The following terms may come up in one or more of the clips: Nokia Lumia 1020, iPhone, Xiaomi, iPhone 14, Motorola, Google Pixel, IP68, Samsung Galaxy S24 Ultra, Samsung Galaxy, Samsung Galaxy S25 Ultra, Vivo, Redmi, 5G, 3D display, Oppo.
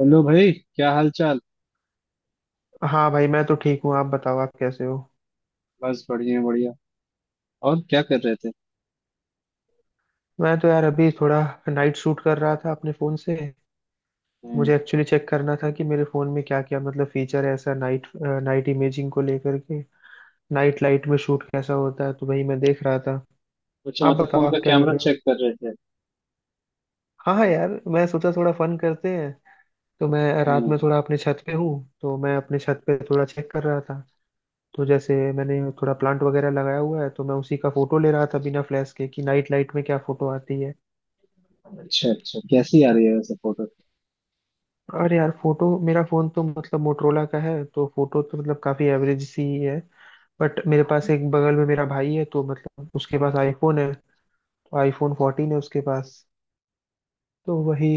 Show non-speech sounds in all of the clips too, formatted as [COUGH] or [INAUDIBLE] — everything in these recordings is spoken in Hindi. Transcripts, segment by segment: हेलो भाई क्या हाल चाल। हाँ भाई, मैं तो ठीक हूँ। आप बताओ, आप कैसे हो। बस बढ़िया बढ़िया। और क्या कर रहे थे। मैं तो यार अभी थोड़ा नाइट शूट कर रहा था अपने फ़ोन से। हम्म। मुझे एक्चुअली चेक करना था कि मेरे फ़ोन में क्या क्या, मतलब, फीचर है ऐसा, नाइट नाइट इमेजिंग को लेकर के। नाइट लाइट में शूट कैसा होता है, तो वही मैं देख रहा था। कुछ आप मतलब बताओ, फोन का आप क्या कर कैमरा रहे हो। चेक कर रहे थे। हाँ हाँ, यार मैं सोचा थोड़ा फन करते हैं। तो मैं रात हम्म। में थोड़ा अपने छत पे हूँ। तो मैं अपने छत पे थोड़ा चेक कर रहा था। तो जैसे मैंने थोड़ा प्लांट वगैरह लगाया हुआ है, तो मैं उसी का फोटो ले रहा था बिना फ्लैश के कि नाइट लाइट में क्या फोटो आती है। अच्छा अच्छा, कैसी आ रही है वैसे फोटो। और यार फोटो, मेरा फोन तो मतलब मोटरोला का है, तो फोटो तो मतलब काफी एवरेज सी ही है। बट मेरे पास एक बगल में मेरा भाई है, तो मतलब उसके पास आईफोन है। तो आईफोन 14 है उसके पास। तो वही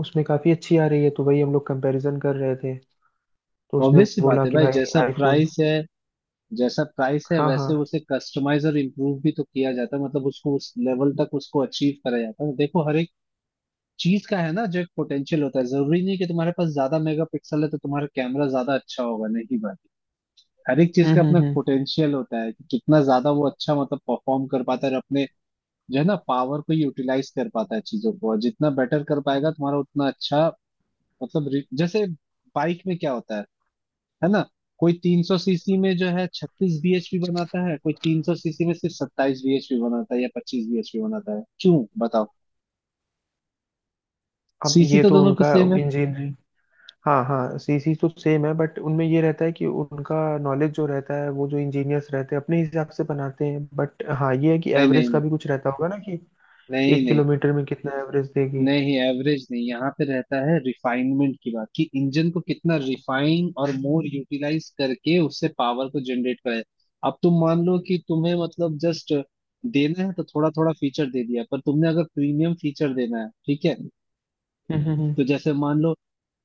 उसमें काफी अच्छी आ रही है, तो वही हम लोग कंपैरिजन कर रहे थे। तो उसने ऑब्वियस सी बात बोला है कि भाई, भाई जैसा आईफोन। प्राइस है। जैसा प्राइस है हाँ हाँ। वैसे उसे कस्टमाइज और इम्प्रूव भी तो किया जाता है, मतलब उसको उस लेवल तक उसको अचीव करा जाता है। देखो, हर एक चीज का है ना, जो एक पोटेंशियल होता है। जरूरी नहीं कि तुम्हारे पास ज्यादा मेगापिक्सल है तो तुम्हारा कैमरा ज्यादा अच्छा होगा, नहीं भाई। हर एक चीज का अपना हम्म। पोटेंशियल होता है कि कितना ज्यादा वो अच्छा मतलब परफॉर्म कर पाता है और अपने जो है ना पावर को यूटिलाइज कर पाता है चीजों को, और जितना बेटर कर पाएगा तुम्हारा उतना अच्छा। मतलब जैसे बाइक में क्या होता है ना। कोई 300 सीसी में जो है 36 bhp बनाता है, कोई 300 सीसी में सिर्फ 27 bhp बनाता है या 25 bhp बनाता है, क्यों बताओ। अब सीसी ये तो तो दोनों की उनका सेम है। इंजीनियरिंग। हाँ हाँ, सीसी तो सेम है, बट उनमें ये रहता है कि उनका नॉलेज जो रहता है, वो जो इंजीनियर्स रहते हैं अपने हिसाब से बनाते हैं। बट हाँ, ये है कि नहीं एवरेज का नहीं, भी कुछ रहता होगा ना, कि नहीं नहीं, एक नहीं किलोमीटर में कितना एवरेज देगी। नहीं। एवरेज नहीं, यहाँ पे रहता है रिफाइनमेंट की बात, कि इंजन को कितना रिफाइन और मोर यूटिलाइज करके उससे पावर को जनरेट करें। अब तुम मान लो कि तुम्हें मतलब जस्ट देना है तो थोड़ा थोड़ा फीचर दे दिया, पर तुमने अगर प्रीमियम फीचर देना है, ठीक है। हम्म हम्म, हम्म। तो जैसे मान लो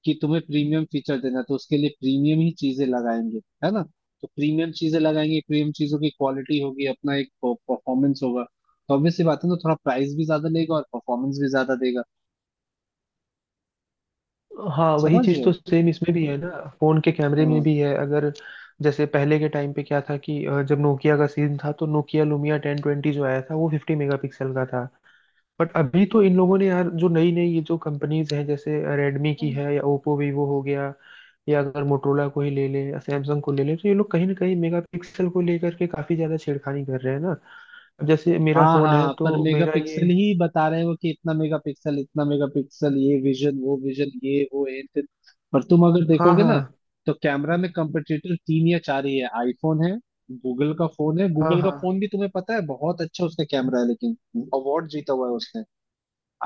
कि तुम्हें प्रीमियम फीचर देना है तो उसके लिए प्रीमियम ही चीजें लगाएंगे, है ना। तो प्रीमियम चीजें लगाएंगे, प्रीमियम चीजों की क्वालिटी होगी, अपना एक परफॉर्मेंस होगा। तो ऑब्वियस सी बात है ना, थोड़ा प्राइस भी ज्यादा लेगा और परफॉर्मेंस भी ज्यादा देगा। हाँ, वही समझ रहे चीज़ हो। तो सेम इसमें भी है ना, फोन के कैमरे में हम्म। भी है। अगर जैसे पहले के टाइम पे क्या था कि जब नोकिया का सीन था, तो नोकिया लुमिया 1020 जो आया था वो 50 मेगापिक्सल का था। बट अभी तो इन लोगों ने, यार, जो नई नई ये जो कंपनीज हैं, जैसे रेडमी की है या ओप्पो वीवो हो गया या अगर मोटरोला को ही ले लें या सैमसंग को ले लें, तो ये लोग कहीं ना कहीं मेगापिक्सल को लेकर के काफ़ी ज़्यादा छेड़खानी कर रहे हैं ना। अब जैसे मेरा हाँ फ़ोन है, हाँ, पर तो मेरा ये। मेगापिक्सल ही बता रहे हो कि इतना मेगापिक्सल इतना मेगापिक्सल, ये विजन वो विजन, ये वो ये फिर। पर तुम अगर हाँ देखोगे ना, हाँ तो कैमरा में कंपटीटर तीन या चार ही है। आईफोन है, गूगल का फोन है। हाँ गूगल का फोन हाँ भी तुम्हें पता है बहुत अच्छा उसका कैमरा है, लेकिन अवार्ड जीता हुआ है उसने।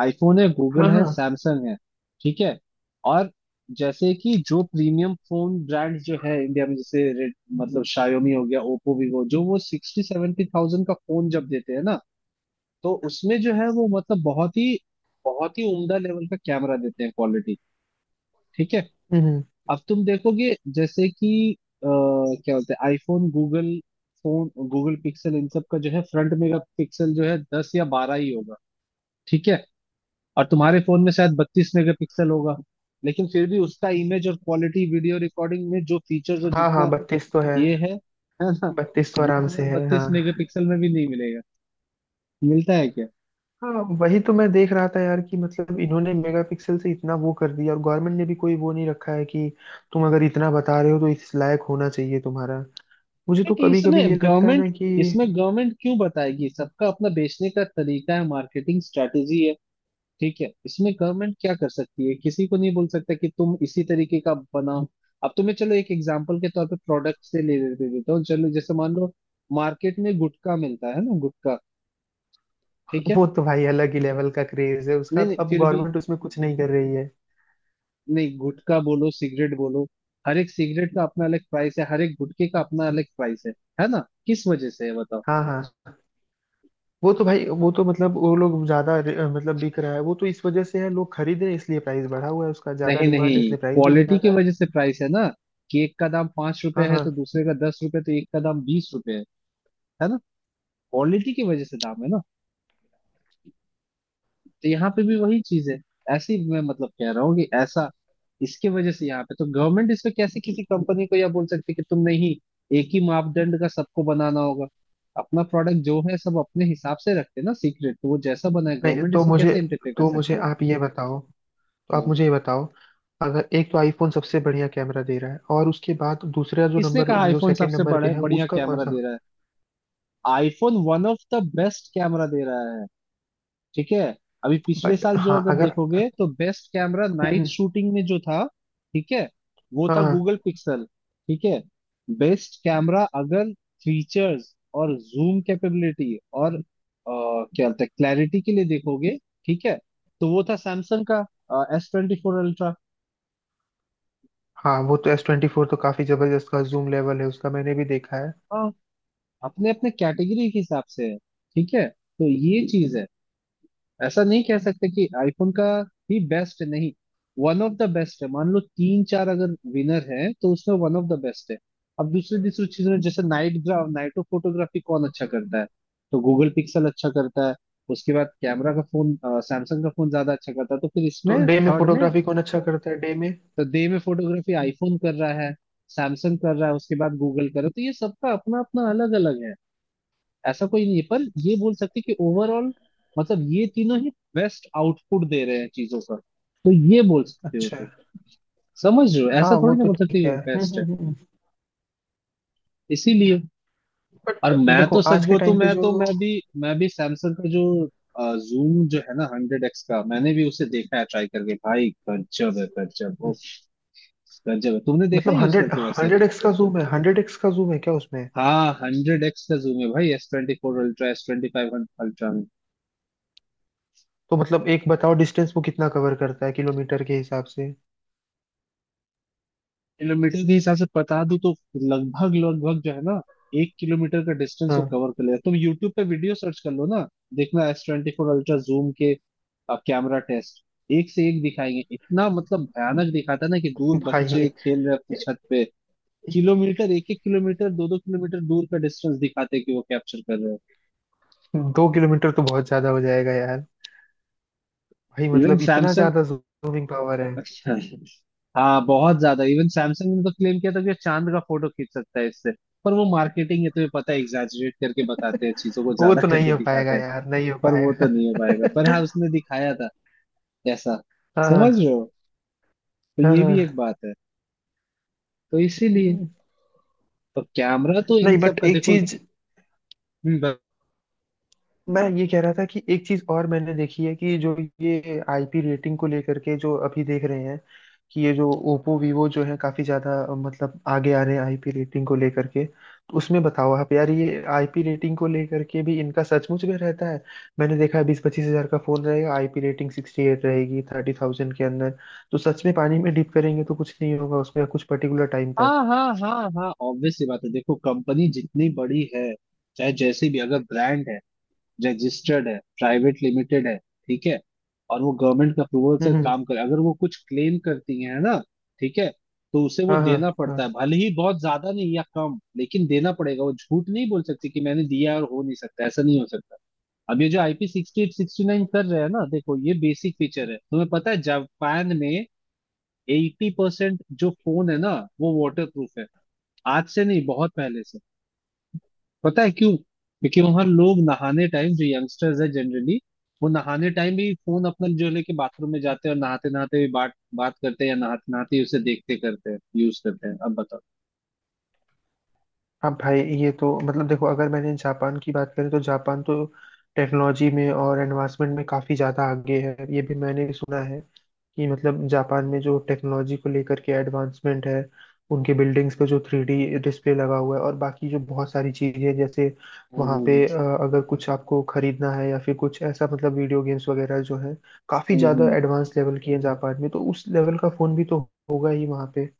आईफोन है, गूगल हाँ है, हाँ। सैमसंग है, ठीक है। और जैसे कि जो प्रीमियम फोन ब्रांड जो है इंडिया में, जैसे रेड मतलब शायोमी हो गया, ओप्पो, वीवो, जो वो सिक्सटी सेवेंटी थाउजेंड का फोन जब देते हैं ना, तो उसमें जो है वो मतलब बहुत ही उम्दा लेवल का कैमरा देते हैं, क्वालिटी, ठीक है। हम्म हम्म, अब तुम देखोगे, जैसे कि क्या बोलते हैं, iPhone, Google phone, Google Pixel, इन सब का जो है फ्रंट मेगा पिक्सल जो है 10 या 12 ही होगा, ठीक है। और तुम्हारे फोन में शायद 32 मेगापिक्सल होगा, लेकिन फिर भी उसका इमेज और क्वालिटी, वीडियो रिकॉर्डिंग में जो फीचर्स और हाँ हाँ, जितना 32 तो है। ये है ना, 32 तो वो आराम से तुम्हारे है, बत्तीस हाँ मेगापिक्सल में भी नहीं मिलेगा। मिलता है क्या। हाँ। वही तो मैं देख रहा था यार, कि मतलब इन्होंने मेगापिक्सल से इतना वो कर दिया, और गवर्नमेंट ने भी कोई वो नहीं रखा है कि तुम अगर इतना बता रहे हो, तो इस लायक होना चाहिए तुम्हारा। मुझे तो एक कभी इसमें कभी ये लगता है गवर्नमेंट, ना कि इसमें गवर्नमेंट क्यों बताएगी, सबका अपना बेचने का तरीका है, मार्केटिंग स्ट्रेटेजी है, ठीक है। इसमें गवर्नमेंट क्या कर सकती है, किसी को नहीं बोल सकता कि तुम इसी तरीके का बनाओ। अब तुम्हें चलो एक एग्जांपल के तौर पे प्रोडक्ट से ले लेते देता हूँ, चलो जैसे मान लो मार्केट में गुटखा मिलता है ना, गुटखा, ठीक है। वो तो भाई अलग ही लेवल का क्रेज है नहीं उसका, नहीं, तो अब फिर भी, गवर्नमेंट उसमें कुछ नहीं कर रही है। नहीं गुटखा बोलो सिगरेट बोलो, हर एक सिगरेट का अपना अलग प्राइस है, हर एक गुटखे का अपना अलग प्राइस है। है ना, किस वजह से है बताओ। हाँ हाँ, वो तो भाई, वो तो मतलब, वो लोग ज्यादा मतलब बिक रहा है, वो तो इस वजह से है, लोग खरीद रहे हैं इसलिए प्राइस बढ़ा हुआ है उसका, ज्यादा नहीं नहीं, डिमांड है इसलिए प्राइस भी क्वालिटी ज्यादा की है। वजह से प्राइस है ना, कि एक का दाम 5 रुपए हाँ है तो हाँ। दूसरे का 10 रुपए, तो एक का दाम 20 रुपए है ना। क्वालिटी की वजह से दाम है ना। तो यहाँ पे भी वही चीज है, ऐसी मैं मतलब कह रहा हूँ कि ऐसा इसके वजह से यहाँ पे तो गवर्नमेंट इस पे कैसे किसी कंपनी को यह बोल सकती है कि तुम नहीं, एक ही मापदंड का सबको बनाना होगा। अपना प्रोडक्ट जो है सब अपने हिसाब से रखते हैं ना, सीक्रेट, तो वो जैसा बना है नहीं, गवर्नमेंट तो इसमें मुझे, कैसे इंटरफेयर कर तो मुझे सकती है। आप ये बताओ, तो आप हम्म। मुझे ये बताओ, अगर एक तो आईफोन सबसे बढ़िया कैमरा दे रहा है, और उसके बाद दूसरा जो किसने नंबर, कहा जो आईफोन सेकंड सबसे नंबर बड़ा पे है, है, वो बढ़िया उसका कौन कैमरा सा। दे रहा है। IPhone one of the best camera दे रहा है, ठीक है। अभी पिछले बट साल जो हाँ, अगर अगर। देखोगे, तो best camera night hmm, shooting में जो था, ठीक है, वो था हाँ गूगल पिक्सल, ठीक है। बेस्ट कैमरा अगर फीचर्स और जूम कैपेबिलिटी और क्या बोलते हैं, क्लैरिटी के लिए देखोगे, ठीक है, तो वो था सैमसंग का S24 Ultra। हाँ, वो तो एस 24 तो काफी जबरदस्त का जूम लेवल है उसका, मैंने भी देखा है। हाँ, अपने अपने कैटेगरी के हिसाब से है, ठीक है, तो ये चीज है। ऐसा नहीं कह सकते कि आईफोन का ही बेस्ट है, नहीं, वन ऑफ द बेस्ट है, मान लो तीन चार अगर विनर है तो उसमें वन ऑफ द बेस्ट है। अब दूसरी दूसरी चीजों में, जैसे नाइट ग्राफ नाइटो फोटोग्राफी कौन अच्छा करता है, तो गूगल पिक्सल अच्छा करता है। उसके बाद कैमरा का फोन सैमसंग का फोन ज्यादा अच्छा करता है, तो फिर तो इसमें डे में थर्ड में, फोटोग्राफी कौन अच्छा करता है, डे में। तो डे में फोटोग्राफी आईफोन कर रहा है, सैमसंग कर रहा है, उसके बाद गूगल कर रहा है, तो ये सबका अपना अपना अलग अलग है। ऐसा कोई नहीं है, पर ये बोल सकते कि ओवरऑल मतलब ये तीनों ही बेस्ट आउटपुट दे रहे हैं चीजों का, तो ये बोल सकते हो अच्छा। तुम। समझ रहे हो, ऐसा हाँ, वो थोड़ी ना तो बोल सकते ठीक कि है। वो बेस्ट है, हम्म। इसीलिए। और बट मैं देखो, तो सच आज के बोलूं टाइम पे जो, तो मैं भी सैमसंग का जो जूम जो है ना, 100x का, मैंने भी उसे देखा है ट्राई करके, भाई गजब है, गजब ओ, गजब है। तुमने देखा मतलब है यूज हंड्रेड, करके वैसे। 100x का जूम है, 100x का जूम है क्या उसमें? हाँ, 100x का जूम है भाई, S24 Ultra, S25 Ultra। तो मतलब, एक बताओ, डिस्टेंस वो कितना कवर करता है किलोमीटर के हिसाब से। किलोमीटर के हिसाब से बता दूं तो लगभग लगभग जो है ना, 1 किलोमीटर का डिस्टेंस वो हाँ कवर कर लेगा। तुम यूट्यूब पे वीडियो सर्च कर लो ना, देखना S24 Ultra जूम के कैमरा टेस्ट। एक से एक दिखाएंगे, इतना मतलब भयानक दिखाता है ना, कि दूर भाई, बच्चे खेल रहे हैं अपनी छत पे, किलोमीटर, एक एक किलोमीटर, दो दो किलोमीटर दूर का डिस्टेंस दिखाते हैं कि वो कैप्चर कर रहे हैं। 2 किलोमीटर तो बहुत ज्यादा हो जाएगा यार। भाई, इवन मतलब इतना सैमसंग ज्यादा जूमिंग पावर है। [LAUGHS] अच्छा, हाँ बहुत ज्यादा, इवन सैमसंग ने तो क्लेम किया था कि चांद का फोटो खींच सकता है इससे, पर वो मार्केटिंग है तुम्हें पता है, एग्जैजरेट करके बताते हैं चीजों को [LAUGHS] वो ज्यादा तो [LAUGHS] नहीं करके हो पाएगा दिखाते हैं। यार, नहीं हो पर वो तो नहीं हो पाएगा, पाएगा। पर हाँ उसने दिखाया था ऐसा। [LAUGHS] समझ हाँ रहे हो, तो हाँ ये भी एक हाँ। बात है, तो इसीलिए। तो कैमरा तो नहीं, इन सब बट का एक देखो। चीज हम्म। मैं ये कह रहा था, कि एक चीज और मैंने देखी है, कि जो ये आईपी रेटिंग को लेकर के जो अभी देख रहे हैं, कि ये जो ओप्पो वीवो जो है, काफी ज्यादा मतलब आगे आ रहे हैं आईपी रेटिंग को लेकर के, तो उसमें बताओ आप यार, ये आईपी रेटिंग को लेकर के भी इनका सचमुच में रहता है। मैंने देखा है, 20-25 हज़ार का फोन रहेगा, आईपी रेटिंग 68 रहेगी 30,000 के अंदर। तो सच में पानी में डिप करेंगे तो कुछ नहीं होगा उसमें, कुछ पर्टिकुलर टाइम हाँ तक। हाँ हाँ हाँ, ऑब्वियस सी बात है, देखो कंपनी जितनी बड़ी है, चाहे जैसी भी अगर ब्रांड है, रजिस्टर्ड है, प्राइवेट लिमिटेड है, ठीक है, और वो गवर्नमेंट के अप्रूवल से हम्म हम्म। काम करे, अगर वो कुछ क्लेम करती है ना, ठीक है, तो उसे वो हाँ हाँ। देना पड़ता है, हाँ भले ही बहुत ज्यादा नहीं या कम, लेकिन देना पड़ेगा। वो झूठ नहीं बोल सकती कि मैंने दिया और हो नहीं सकता, ऐसा नहीं हो सकता। अब ये जो IP68 69 कर रहे हैं ना, देखो ये बेसिक फीचर है, तुम्हें पता है जापान में 80% जो फोन है ना वो वाटर प्रूफ है, आज से नहीं, बहुत पहले से। पता है क्यों, क्योंकि वहां लोग नहाने टाइम, जो यंगस्टर्स है जनरली, वो नहाने टाइम भी फोन अपना जो लेके बाथरूम में जाते हैं और नहाते नहाते भी बात बात करते हैं या नहाते नहाते ही उसे देखते करते हैं यूज करते हैं, अब बताओ। हाँ भाई, ये तो मतलब देखो, अगर मैंने जापान की बात करें तो जापान तो टेक्नोलॉजी में और एडवांसमेंट में काफ़ी ज़्यादा आगे है, ये भी मैंने सुना है कि मतलब जापान में जो टेक्नोलॉजी को लेकर के एडवांसमेंट है, उनके बिल्डिंग्स पे जो 3D डिस्प्ले लगा हुआ है, और बाकी जो बहुत सारी चीज़ें, जैसे वहाँ पे हम्म अगर कुछ आपको खरीदना है, या फिर कुछ ऐसा मतलब वीडियो गेम्स वगैरह जो है, काफ़ी ज़्यादा हम्म। एडवांस लेवल की है जापान में, तो उस लेवल का फ़ोन भी तो होगा ही वहाँ पे।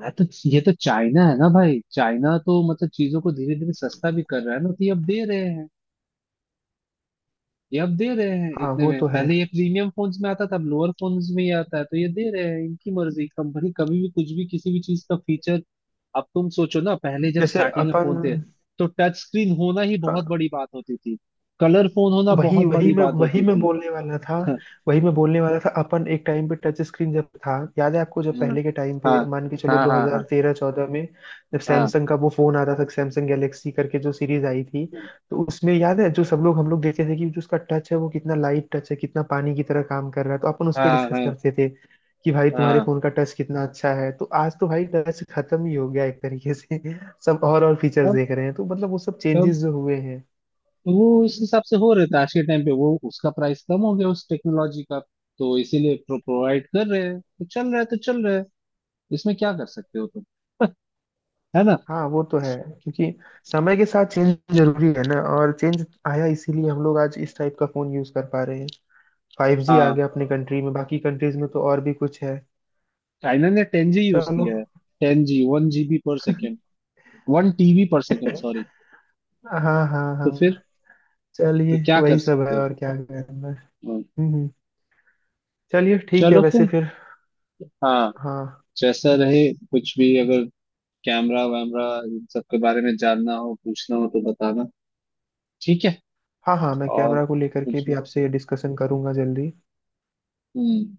मैं तो ये तो, चाइना है ना भाई, चाइना तो मतलब चीजों को धीरे धीरे सस्ता भी कर रहा है ना, तो ये अब दे रहे हैं, ये अब दे रहे हैं, हाँ, इतने वो में तो है। पहले ये प्रीमियम फोन्स में आता था, अब लोअर फोन्स में ही आता है तो ये दे रहे हैं, इनकी मर्जी, कंपनी कभी भी कुछ भी किसी भी चीज का फीचर। अब तुम सोचो ना, पहले जब जैसे स्टार्टिंग में अपन, फोन थे, तो टच स्क्रीन होना ही बहुत हाँ, बड़ी बात होती थी, कलर फोन होना वही बहुत बड़ी बात वही होती मैं थी। बोलने वाला था। [LAUGHS] वही मैं बोलने वाला था, अपन एक टाइम पे टच स्क्रीन जब था, याद है आपको, जब हाँ पहले के टाइम हाँ पे, मान के चलो, हाँ, हाँ हाँ 2013-14 में, जब सैमसंग का वो फोन आता था, सैमसंग गैलेक्सी करके जो सीरीज आई थी। तो उसमें याद है जो सब लोग, हम लोग देखते थे कि जो उसका टच है, वो कितना लाइट टच है, कितना पानी की तरह काम कर रहा है, तो अपन उस हाँ, पर हाँ डिस्कस हाँ करते थे कि भाई तुम्हारे हाँ। फोन का टच कितना अच्छा है। तो आज तो भाई टच खत्म ही हो गया एक तरीके से, [LAUGHS] सब और फीचर्स तब देख रहे हैं, तो मतलब वो सब तब चेंजेस जो हुए हैं। तो वो उस हिसाब से हो रहे थे, आज के टाइम पे वो उसका प्राइस कम हो गया उस टेक्नोलॉजी का, तो इसीलिए प्रोवाइड कर रहे हैं, तो चल रहा है तो चल रहा है, इसमें क्या कर सकते हो तुम। [LAUGHS] है ना। हाँ, वो तो है, क्योंकि समय के साथ चेंज जरूरी है ना, और चेंज आया इसीलिए हम लोग आज इस टाइप का फोन यूज कर पा रहे हैं। 5G आ हाँ। गया अपने कंट्री में, बाकी कंट्रीज में तो और भी कुछ है। चाइना ने 10G यूज चलो। किया है। 10G, 1 GB/सेकेंड, 1 TB/सेकेंड sorry. [LAUGHS] हाँ हाँ तो फिर, हाँ। तो चलिए, क्या कर वही सब है, सकते हो। और क्या करना है। हाँ। हम्म हम्म। चलिए ठीक है, चलो वैसे फिर। फिर। हाँ हाँ। जैसा रहे, कुछ भी अगर कैमरा वैमरा इन सब के बारे में जानना हो पूछना हो तो बताना, ठीक है। हाँ। हाँ, मैं और कैमरा को लेकर के कुछ भी भी। आपसे डिस्कशन करूंगा जल्दी। हम्म।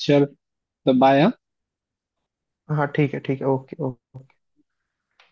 चलो, तो बाय। हाँ ठीक है ठीक है, ओके ओके।